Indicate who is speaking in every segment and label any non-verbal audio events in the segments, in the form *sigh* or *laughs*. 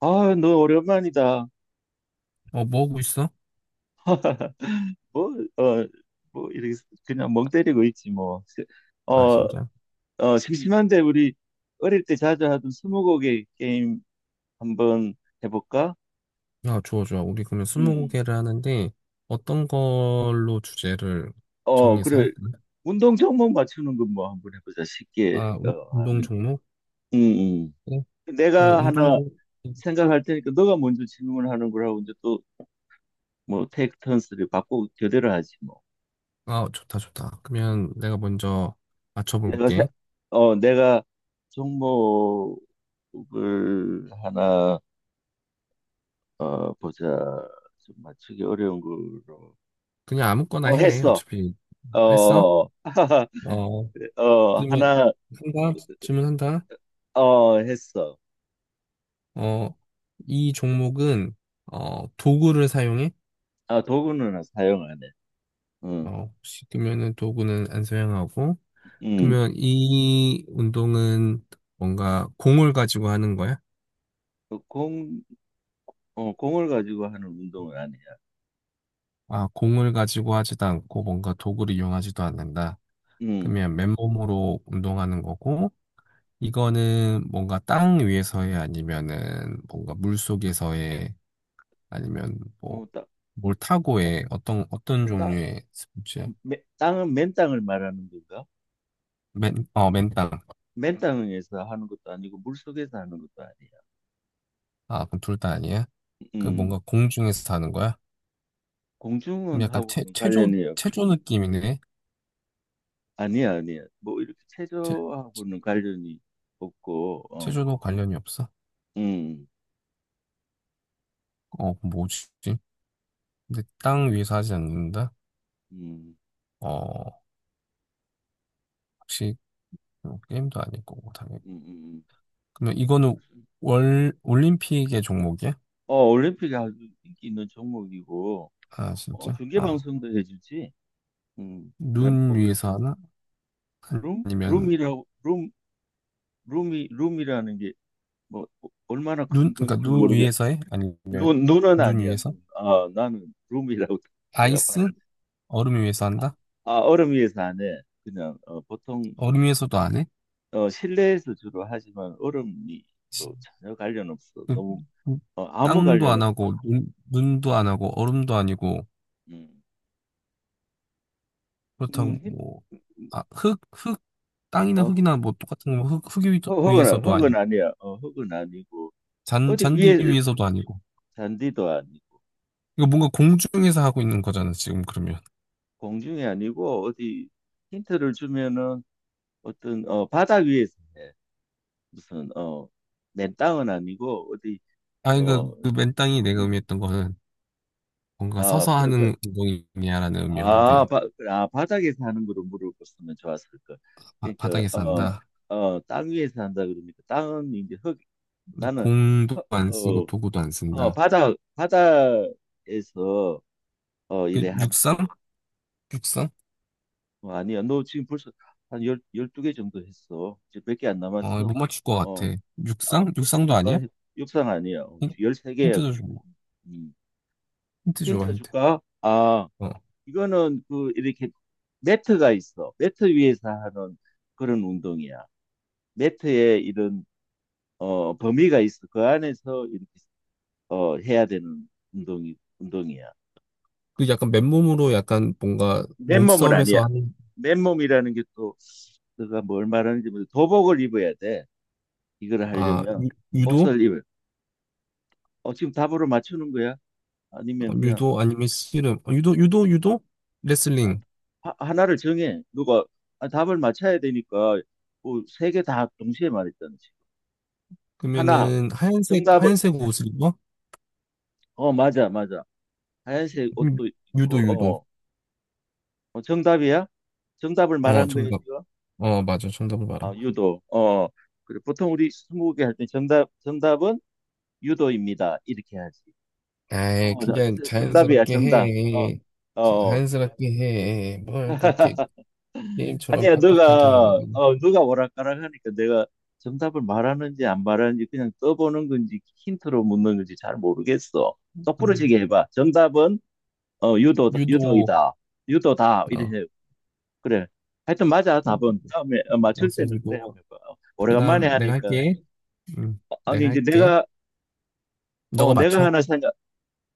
Speaker 1: 아, 너 오랜만이다.
Speaker 2: 어, 뭐 하고 있어?
Speaker 1: *laughs* 뭐, 어, 뭐, 이렇게 그냥 멍 때리고 있지, 뭐.
Speaker 2: 아,
Speaker 1: 어,
Speaker 2: 진짜?
Speaker 1: 어, 심심한데 우리 어릴 때 자주 하던 스무고개 게임 한번 해볼까?
Speaker 2: 야, 좋아, 좋아. 우리 그러면
Speaker 1: 음,
Speaker 2: 스무고개를 하는데 어떤 걸로 주제를
Speaker 1: 어,
Speaker 2: 정해서
Speaker 1: 그래.
Speaker 2: 할까?
Speaker 1: 운동 종목 맞추는 건 뭐 한번 해보자. 쉽게,
Speaker 2: 아, 운동
Speaker 1: 하면.
Speaker 2: 종목?
Speaker 1: 음,
Speaker 2: 그래. 그러면
Speaker 1: 내가
Speaker 2: 운동
Speaker 1: 하나
Speaker 2: 종목.
Speaker 1: 생각할 테니까 너가 먼저 질문하는 거라고 이제 또 뭐 테이크 턴스를 바꾸고 교대로 하지, 뭐.
Speaker 2: 아, 좋다, 좋다. 그러면 내가 먼저
Speaker 1: 내가 세-
Speaker 2: 맞춰볼게.
Speaker 1: 내가 종목을 하나 보자 좀 맞추기 어려운 걸로
Speaker 2: 그냥 아무거나
Speaker 1: 어
Speaker 2: 해.
Speaker 1: 했어
Speaker 2: 어차피 했어?
Speaker 1: 어어
Speaker 2: 어,
Speaker 1: *laughs*
Speaker 2: 그러면
Speaker 1: 하나
Speaker 2: 한다? 질문한다?
Speaker 1: 어 했어.
Speaker 2: 어, 이 종목은 도구를 사용해?
Speaker 1: 아, 도구는 사용 안 해. 응.
Speaker 2: 어, 혹시 그러면은 도구는 안 사용하고
Speaker 1: 응.
Speaker 2: 그러면 이 운동은 뭔가 공을 가지고 하는 거야?
Speaker 1: 어, 공, 어, 공을 가지고 하는 운동은 아니야.
Speaker 2: 아, 공을 가지고 하지도 않고 뭔가 도구를 이용하지도 않는다.
Speaker 1: 응.
Speaker 2: 그러면 맨몸으로 운동하는 거고,
Speaker 1: 응.
Speaker 2: 이거는 뭔가 땅 위에서의 아니면은 뭔가 물 속에서의 아니면
Speaker 1: 어,
Speaker 2: 뭐
Speaker 1: 딱,
Speaker 2: 뭘
Speaker 1: 딱,
Speaker 2: 타고의 어떤
Speaker 1: 딱,
Speaker 2: 종류의 스포츠야?
Speaker 1: 땅은 맨 땅을 말하는 건가?
Speaker 2: 맨, 어, 맨땅.
Speaker 1: 맨 땅에서 하는 것도 아니고 물 속에서 하는 것도 아니야.
Speaker 2: 아, 그럼 둘 다 아니야? 그
Speaker 1: 응.
Speaker 2: 뭔가 공중에서 하는 거야? 그럼 약간
Speaker 1: 공중은하고는
Speaker 2: 체조
Speaker 1: 관련이 없어.
Speaker 2: 체조 느낌이네.
Speaker 1: 아니야, 아니야. 뭐 이렇게
Speaker 2: 체,
Speaker 1: 체조하고는 관련이 없고,
Speaker 2: 체조도 관련이 없어?
Speaker 1: 음,
Speaker 2: 어, 그럼 뭐지? 근데 땅
Speaker 1: 음,
Speaker 2: 위에서 하지 않는다?
Speaker 1: 음,
Speaker 2: 어, 혹시 뭐 게임도 아닐 거고, 당연히.
Speaker 1: 음, 음.
Speaker 2: 그러면 이거는 올림픽의 종목이야?
Speaker 1: 올림픽이 아주 인기 있는 종목이고,
Speaker 2: 아,
Speaker 1: 어,
Speaker 2: 진짜?
Speaker 1: 중계
Speaker 2: 아,
Speaker 1: 방송도 해주지. 왜,
Speaker 2: 눈
Speaker 1: 뭐 이렇게
Speaker 2: 위에서 하나?
Speaker 1: 룸,
Speaker 2: 아니면,
Speaker 1: 룸이라고, 룸, 룸이, 룸이라는 게 뭐 얼마나
Speaker 2: 눈,
Speaker 1: 큰
Speaker 2: 그러니까
Speaker 1: 건지
Speaker 2: 눈
Speaker 1: 모르겠.
Speaker 2: 위에서 해? 아니면,
Speaker 1: 눈은
Speaker 2: 눈
Speaker 1: 아니야.
Speaker 2: 위에서?
Speaker 1: 눈. 아, 나는 룸이라고 *laughs* 내가 봐.
Speaker 2: 아이스? 얼음 위에서 한다?
Speaker 1: 아, 얼음 위에서 안 해. 보통
Speaker 2: 얼음 위에서도 안 해?
Speaker 1: 실내에서 주로 하지만 얼음이 뭐 전혀 관련 없어.
Speaker 2: 그-
Speaker 1: 너무
Speaker 2: 그
Speaker 1: 아무
Speaker 2: 땅도
Speaker 1: 관련
Speaker 2: 안
Speaker 1: 없어.
Speaker 2: 하고, 눈도 안 하고, 얼음도 아니고,
Speaker 1: 음,
Speaker 2: 그렇다고
Speaker 1: 음, 힘-
Speaker 2: 뭐, 아, 흙, 땅이나
Speaker 1: 어, 흙-
Speaker 2: 흙이나 뭐 똑같은 거, 흙
Speaker 1: 흙은
Speaker 2: 위에서도
Speaker 1: 흙은
Speaker 2: 아니고,
Speaker 1: 아니야. 흙은 아니고 어디
Speaker 2: 잔디
Speaker 1: 위에
Speaker 2: 위에서도 아니고.
Speaker 1: 잔디도 아니고
Speaker 2: 이거 뭔가 공중에서 하고 있는 거잖아, 지금 그러면.
Speaker 1: 공중이 아니고 어디 힌트를 주면은 어떤 바닥 위에서 해. 무슨 맨 땅은 아니고
Speaker 2: 아니,
Speaker 1: 어,
Speaker 2: 그 맨땅이 내가
Speaker 1: 음,
Speaker 2: 의미했던 거는 뭔가
Speaker 1: 아,
Speaker 2: 서서
Speaker 1: 그래.
Speaker 2: 하는 운동이냐라는
Speaker 1: 아,
Speaker 2: 의미였는데,
Speaker 1: 바, 아, 바닥에 서 하는 거를 물어봤으면 좋았을 걸. 그러니까
Speaker 2: 바닥에서
Speaker 1: 어,
Speaker 2: 한다.
Speaker 1: 땅 위에 서 한다 그러니까 땅은 이제 흙
Speaker 2: 근데
Speaker 1: 나는
Speaker 2: 공도
Speaker 1: 흙,
Speaker 2: 안 쓰고
Speaker 1: 어,
Speaker 2: 도구도 안 쓴다.
Speaker 1: 바닥에서
Speaker 2: 그
Speaker 1: 이래 하는
Speaker 2: 육상? 육상?
Speaker 1: 거. 어, 아니야. 너 지금 벌써 한 열, 12개 정도 했어. 이제 몇 개 안
Speaker 2: 어, 못
Speaker 1: 남았어.
Speaker 2: 맞출 것
Speaker 1: 어.
Speaker 2: 같아.
Speaker 1: 아,
Speaker 2: 육상?
Speaker 1: 힌트
Speaker 2: 육상도 아니야?
Speaker 1: 줄까? 육상 아니야. 열
Speaker 2: 힌- 힌트
Speaker 1: 13개야
Speaker 2: 도
Speaker 1: 그럼.
Speaker 2: 줘,
Speaker 1: 음.
Speaker 2: 힌트 줘봐,
Speaker 1: 힌트
Speaker 2: 힌트.
Speaker 1: 줄까? 아,
Speaker 2: 어.
Speaker 1: 이거는 그 이렇게 매트가 있어. 매트 위에서 하는 그런 운동이야. 매트에 이런 범위가 있어. 그 안에서 이렇게 해야 되는 운동이야.
Speaker 2: 그 약간 맨몸으로 약간 뭔가
Speaker 1: 맨몸은 아니야.
Speaker 2: 몸싸움에서 하는
Speaker 1: 맨몸이라는 게 또 내가 뭘 말하는지 모르 도복을 입어야 돼. 이걸
Speaker 2: 아
Speaker 1: 하려면
Speaker 2: 유, 유도
Speaker 1: 옷을 입어. 어 지금 답으로 맞추는 거야?
Speaker 2: 어,
Speaker 1: 아니면 그냥
Speaker 2: 유도 아니면 씨름 어, 유도 유도
Speaker 1: 어,
Speaker 2: 레슬링
Speaker 1: 하나를 정해. 누가 아, 답을 맞춰야 되니까 뭐세개 다 동시에 말했잖아. 하나
Speaker 2: 그러면은 하얀색
Speaker 1: 정답을
Speaker 2: 하얀색 옷을 입어
Speaker 1: 어 맞아 맞아 하얀색
Speaker 2: 유-
Speaker 1: 옷도
Speaker 2: 유도
Speaker 1: 있고
Speaker 2: 유도
Speaker 1: 어, 어, 정답이야. 정답을
Speaker 2: 어
Speaker 1: 말한 거예요,
Speaker 2: 정답
Speaker 1: 지금.
Speaker 2: 어 맞아 정답을
Speaker 1: 아
Speaker 2: 말한 거야.
Speaker 1: 유도 어 어. 그래, 보통 우리 스무고개 할 때 정답은 유도입니다 이렇게 하지.
Speaker 2: 아이 그냥
Speaker 1: 진짜 정답이야
Speaker 2: 자연스럽게
Speaker 1: 정답
Speaker 2: 해.
Speaker 1: 어어
Speaker 2: 자연스럽게 해 뭘 그렇게
Speaker 1: *laughs*
Speaker 2: 게임처럼
Speaker 1: 아니야,
Speaker 2: 빡빡하게 해.
Speaker 1: 너가, 너가 오락가락 하니까 내가 정답을 말하는지 안 말하는지 그냥 떠보는 건지 힌트로 묻는 건지 잘 모르겠어.
Speaker 2: 음,
Speaker 1: 똑부러지게 해봐. 정답은, 어,
Speaker 2: 유도
Speaker 1: 유도이다. 유도다.
Speaker 2: 어
Speaker 1: 이래. 해. 그래. 하여튼 맞아,
Speaker 2: 음,
Speaker 1: 답은. 다음에 어, 맞출
Speaker 2: 알았어
Speaker 1: 때는 그래
Speaker 2: 유도.
Speaker 1: 한번 해봐. 어, 오래간만에
Speaker 2: 그다음 내가
Speaker 1: 하니까.
Speaker 2: 할게.
Speaker 1: 어, 아니,
Speaker 2: 내가
Speaker 1: 이제
Speaker 2: 할게.
Speaker 1: 내가, 어,
Speaker 2: 너가
Speaker 1: 내가
Speaker 2: 맞춰.
Speaker 1: 하나 생각,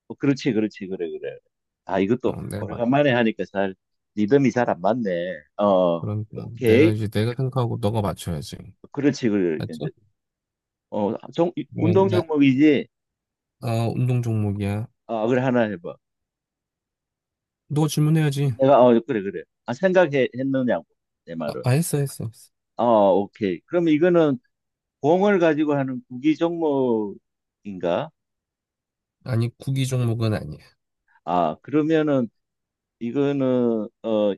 Speaker 1: 어, 그래, 그래. 아, 이것도
Speaker 2: 어,
Speaker 1: 오래간만에 하니까 잘, 리듬이 잘 안 맞네. 어,
Speaker 2: 그럼 어, 내가
Speaker 1: 오케이.
Speaker 2: 이제 내가 생각하고 너가 맞춰야지.
Speaker 1: 그렇지, 그래.
Speaker 2: 알았지?
Speaker 1: 어, 종, 운동
Speaker 2: 그러면 나,
Speaker 1: 종목이지.
Speaker 2: 아, 운동 종목이야.
Speaker 1: 어, 그래, 하나 해봐.
Speaker 2: 너 질문해야지.
Speaker 1: 내가, 어, 그래. 아, 생각 했느냐고, 내
Speaker 2: 아,
Speaker 1: 말은.
Speaker 2: 아, 했어, 했어, 했어.
Speaker 1: 어, 오케이. 그럼 이거는 공을 가지고 하는 구기 종목인가?
Speaker 2: 아니, 구기 종목은 아니야.
Speaker 1: 아, 그러면은, 이거는, 어,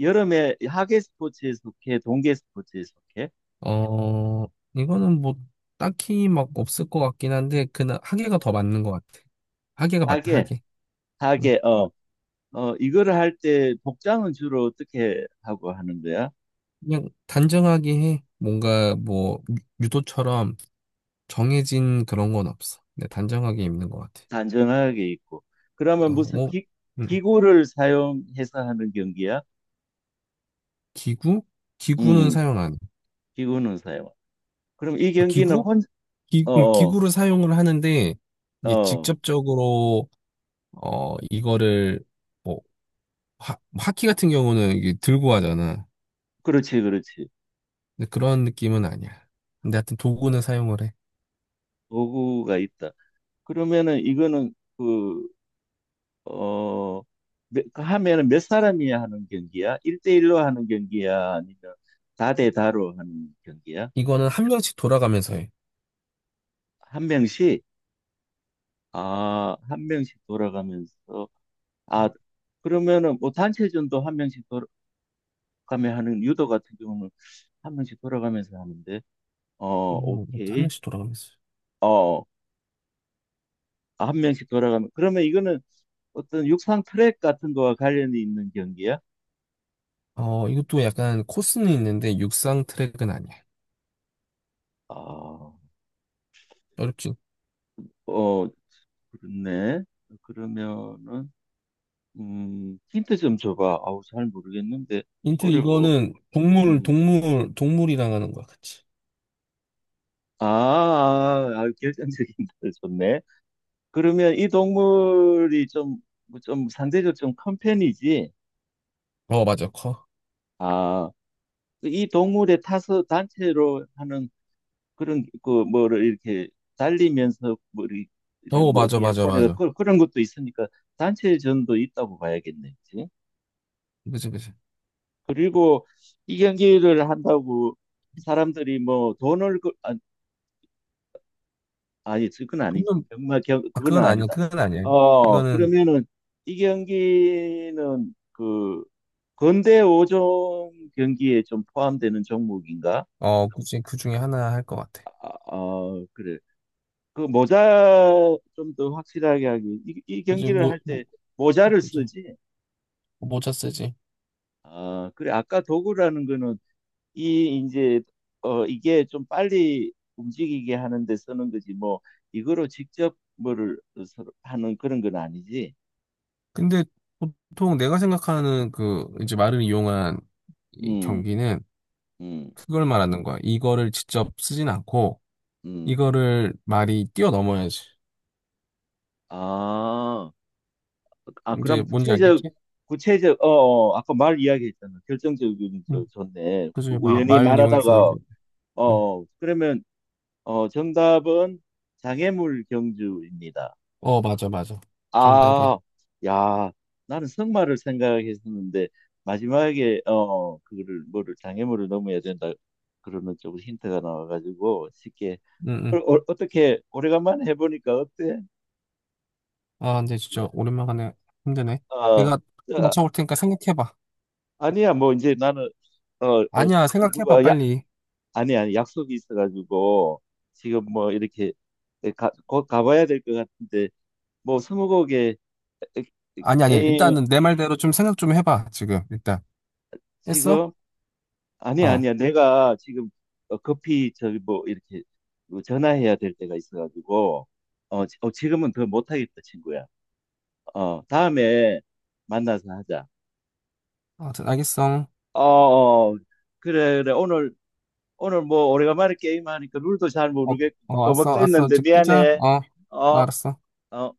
Speaker 1: 여름에 하계 스포츠에 속해, 동계 스포츠에 속해?
Speaker 2: 어, 이거는 뭐 딱히 막 없을 것 같긴 한데 그 하계가 더 맞는 것 같아. 하계가 맞다,
Speaker 1: 하계,
Speaker 2: 하계. 응.
Speaker 1: 하계, 어, 어, 이거를 할 때 복장은 주로 어떻게 하고 하는 거야?
Speaker 2: 그냥 단정하게 해. 뭔가 뭐 유도처럼 정해진 그런 건 없어. 근데 단정하게 입는 것 같아.
Speaker 1: 단정하게 입고.
Speaker 2: 어,
Speaker 1: 그러면
Speaker 2: 뭐 응.
Speaker 1: 기구를 사용해서 하는 경기야?
Speaker 2: 기구? 기구는
Speaker 1: 음,
Speaker 2: 사용 안 해.
Speaker 1: 비구는 사용. 그럼 이
Speaker 2: 아,
Speaker 1: 경기는
Speaker 2: 기구?
Speaker 1: 혼, 어, 어,
Speaker 2: 기구를 사용을 하는데 이게
Speaker 1: 어,
Speaker 2: 직접적으로 어 이거를 뭐 하키 같은 경우는 이게 들고 하잖아.
Speaker 1: 그렇지.
Speaker 2: 근데 그런 느낌은 아니야. 근데 하여튼
Speaker 1: 아,
Speaker 2: 도구는 사용을 해.
Speaker 1: 도구가 있다. 그러면은 이거는 그, 어, 몇- 그 하면은 몇 사람이 하는 경기야? 일대일로 하는 경기야? 아니면 다대다로 하는 경기야?
Speaker 2: 이거는 한 명씩 돌아가면서 해.
Speaker 1: 한 명씩? 아, 한 명씩 돌아가면서. 아, 그러면은 뭐 단체전도 한 명씩 돌아가며 하는 유도 같은 경우는 한 명씩 돌아가면서 하는데. 어,
Speaker 2: 이것도 한
Speaker 1: 오케이.
Speaker 2: 명씩 돌아가면서.
Speaker 1: 어, 어. 아, 한 명씩 돌아가면 그러면 이거는 어떤 육상 트랙 같은 거와 관련이 있는 경기야?
Speaker 2: 어 이것도 약간 코스는 있는데 육상 트랙은 아니야.
Speaker 1: 아,
Speaker 2: 어렵지.
Speaker 1: 어, 그렇네. 그러면은 힌트 좀 줘봐. 아우 잘 모르겠는데
Speaker 2: 인트
Speaker 1: 어려워.
Speaker 2: 이거는 동물
Speaker 1: 음.
Speaker 2: 동물 동물이랑 하는 거야, 그치?
Speaker 1: 아, 아, 아, 결정적인 *laughs* 힌트 좋네. 그러면 이 동물이 좀, 뭐좀 상대적으로 좀 큰 편이지.
Speaker 2: 어 맞아 커.
Speaker 1: 아, 이 동물의 타서 단체로 하는 그런 그 뭐를 이렇게 달리면서 뭐 이렇게
Speaker 2: 어
Speaker 1: 뭐
Speaker 2: 맞아
Speaker 1: 어디에
Speaker 2: 맞아
Speaker 1: 꺼내가
Speaker 2: 맞아.
Speaker 1: 그, 그런 것도 있으니까 단체전도 있다고 봐야겠네. 그치?
Speaker 2: 그치.
Speaker 1: 그리고 이 경기를 한다고 사람들이 뭐 돈을 그, 아, 아니 그건 아니지.
Speaker 2: 그건
Speaker 1: 정말 겨,
Speaker 2: 아,
Speaker 1: 그거는
Speaker 2: 그건 아니야.
Speaker 1: 아니다.
Speaker 2: 그건 아니야.
Speaker 1: 어
Speaker 2: 이거는
Speaker 1: 그러면은 이 경기는 그 근대 5종 경기에 좀 포함되는 종목인가?
Speaker 2: 어, 그치. 그 중에 하나 할 것 같아.
Speaker 1: 아, 어 그래. 그 모자 좀 더 확실하게 하기. 이
Speaker 2: 그제
Speaker 1: 경기를
Speaker 2: 뭐..
Speaker 1: 할
Speaker 2: 뭐
Speaker 1: 때 모자를
Speaker 2: 그지
Speaker 1: 쓰지.
Speaker 2: 모자 쓰지.
Speaker 1: 아, 그래. 아까 도구라는 거는 이 이제 이게 좀 빨리 움직이게 하는데 쓰는 거지. 뭐 이거로 직접 뭐를 서로 하는 그런 건 아니지.
Speaker 2: 근데 보통 내가 생각하는 그 이제
Speaker 1: 어,
Speaker 2: 말을 이용한 이
Speaker 1: 음,
Speaker 2: 경기는
Speaker 1: 음,
Speaker 2: 그걸 말하는 거야. 이거를 직접 쓰진 않고
Speaker 1: 음.
Speaker 2: 이거를 말이 뛰어넘어야지.
Speaker 1: 아, 아
Speaker 2: 이제
Speaker 1: 그럼
Speaker 2: 뭔지 알겠지?
Speaker 1: 구체적 어 아까 말 이야기했잖아. 결정적인 저
Speaker 2: 응.
Speaker 1: 좋네.
Speaker 2: 그래서 막
Speaker 1: 우연히
Speaker 2: 말 이용해서
Speaker 1: 말하다가
Speaker 2: 이제 응.
Speaker 1: 어 그러면 어, 정답은 장애물 경주입니다.
Speaker 2: 어, 맞아, 맞아. 정답이야.
Speaker 1: 아, 야, 나는 승마를 생각했었는데 마지막에 어 그거를 뭐를 장애물을 넘어야 된다 그러는 쪽으로 힌트가 나와가지고 쉽게
Speaker 2: 응, 응.
Speaker 1: 떻게 오래간만에 해보니까 어때?
Speaker 2: 아, 근데 진짜 오랜만에 힘드네.
Speaker 1: 아,
Speaker 2: 내가
Speaker 1: 아,
Speaker 2: 맞춰볼 테니까 생각해봐.
Speaker 1: 아니야 뭐 이제 나는 어, 어
Speaker 2: 아니야, 생각해봐
Speaker 1: 누가 야
Speaker 2: 빨리.
Speaker 1: 아니 약속이 있어가지고 지금 뭐 이렇게 가, 곧 가봐야 될 것 같은데 뭐 스무고개
Speaker 2: 아니, 아니,
Speaker 1: 게임
Speaker 2: 일단은 내 말대로 좀 생각 좀 해봐, 지금, 일단. 했어?
Speaker 1: 지금
Speaker 2: 어.
Speaker 1: 아니야. 내가 지금 급히 저기 뭐 이렇게 뭐 전화해야 될 때가 있어가지고 어, 지금은 더 못하겠다, 친구야. 어, 다음에 만나서 하자.
Speaker 2: 어, 알겠어.
Speaker 1: 어, 어, 그래. 오늘 뭐 오래간만에 게임하니까 룰도 잘
Speaker 2: 어,
Speaker 1: 모르겠고
Speaker 2: 어,
Speaker 1: 버벅
Speaker 2: 알았어, 알았어.
Speaker 1: 했는데
Speaker 2: 이제 끄자.
Speaker 1: 미안해.
Speaker 2: 어,
Speaker 1: 어,
Speaker 2: 알았어.
Speaker 1: 어.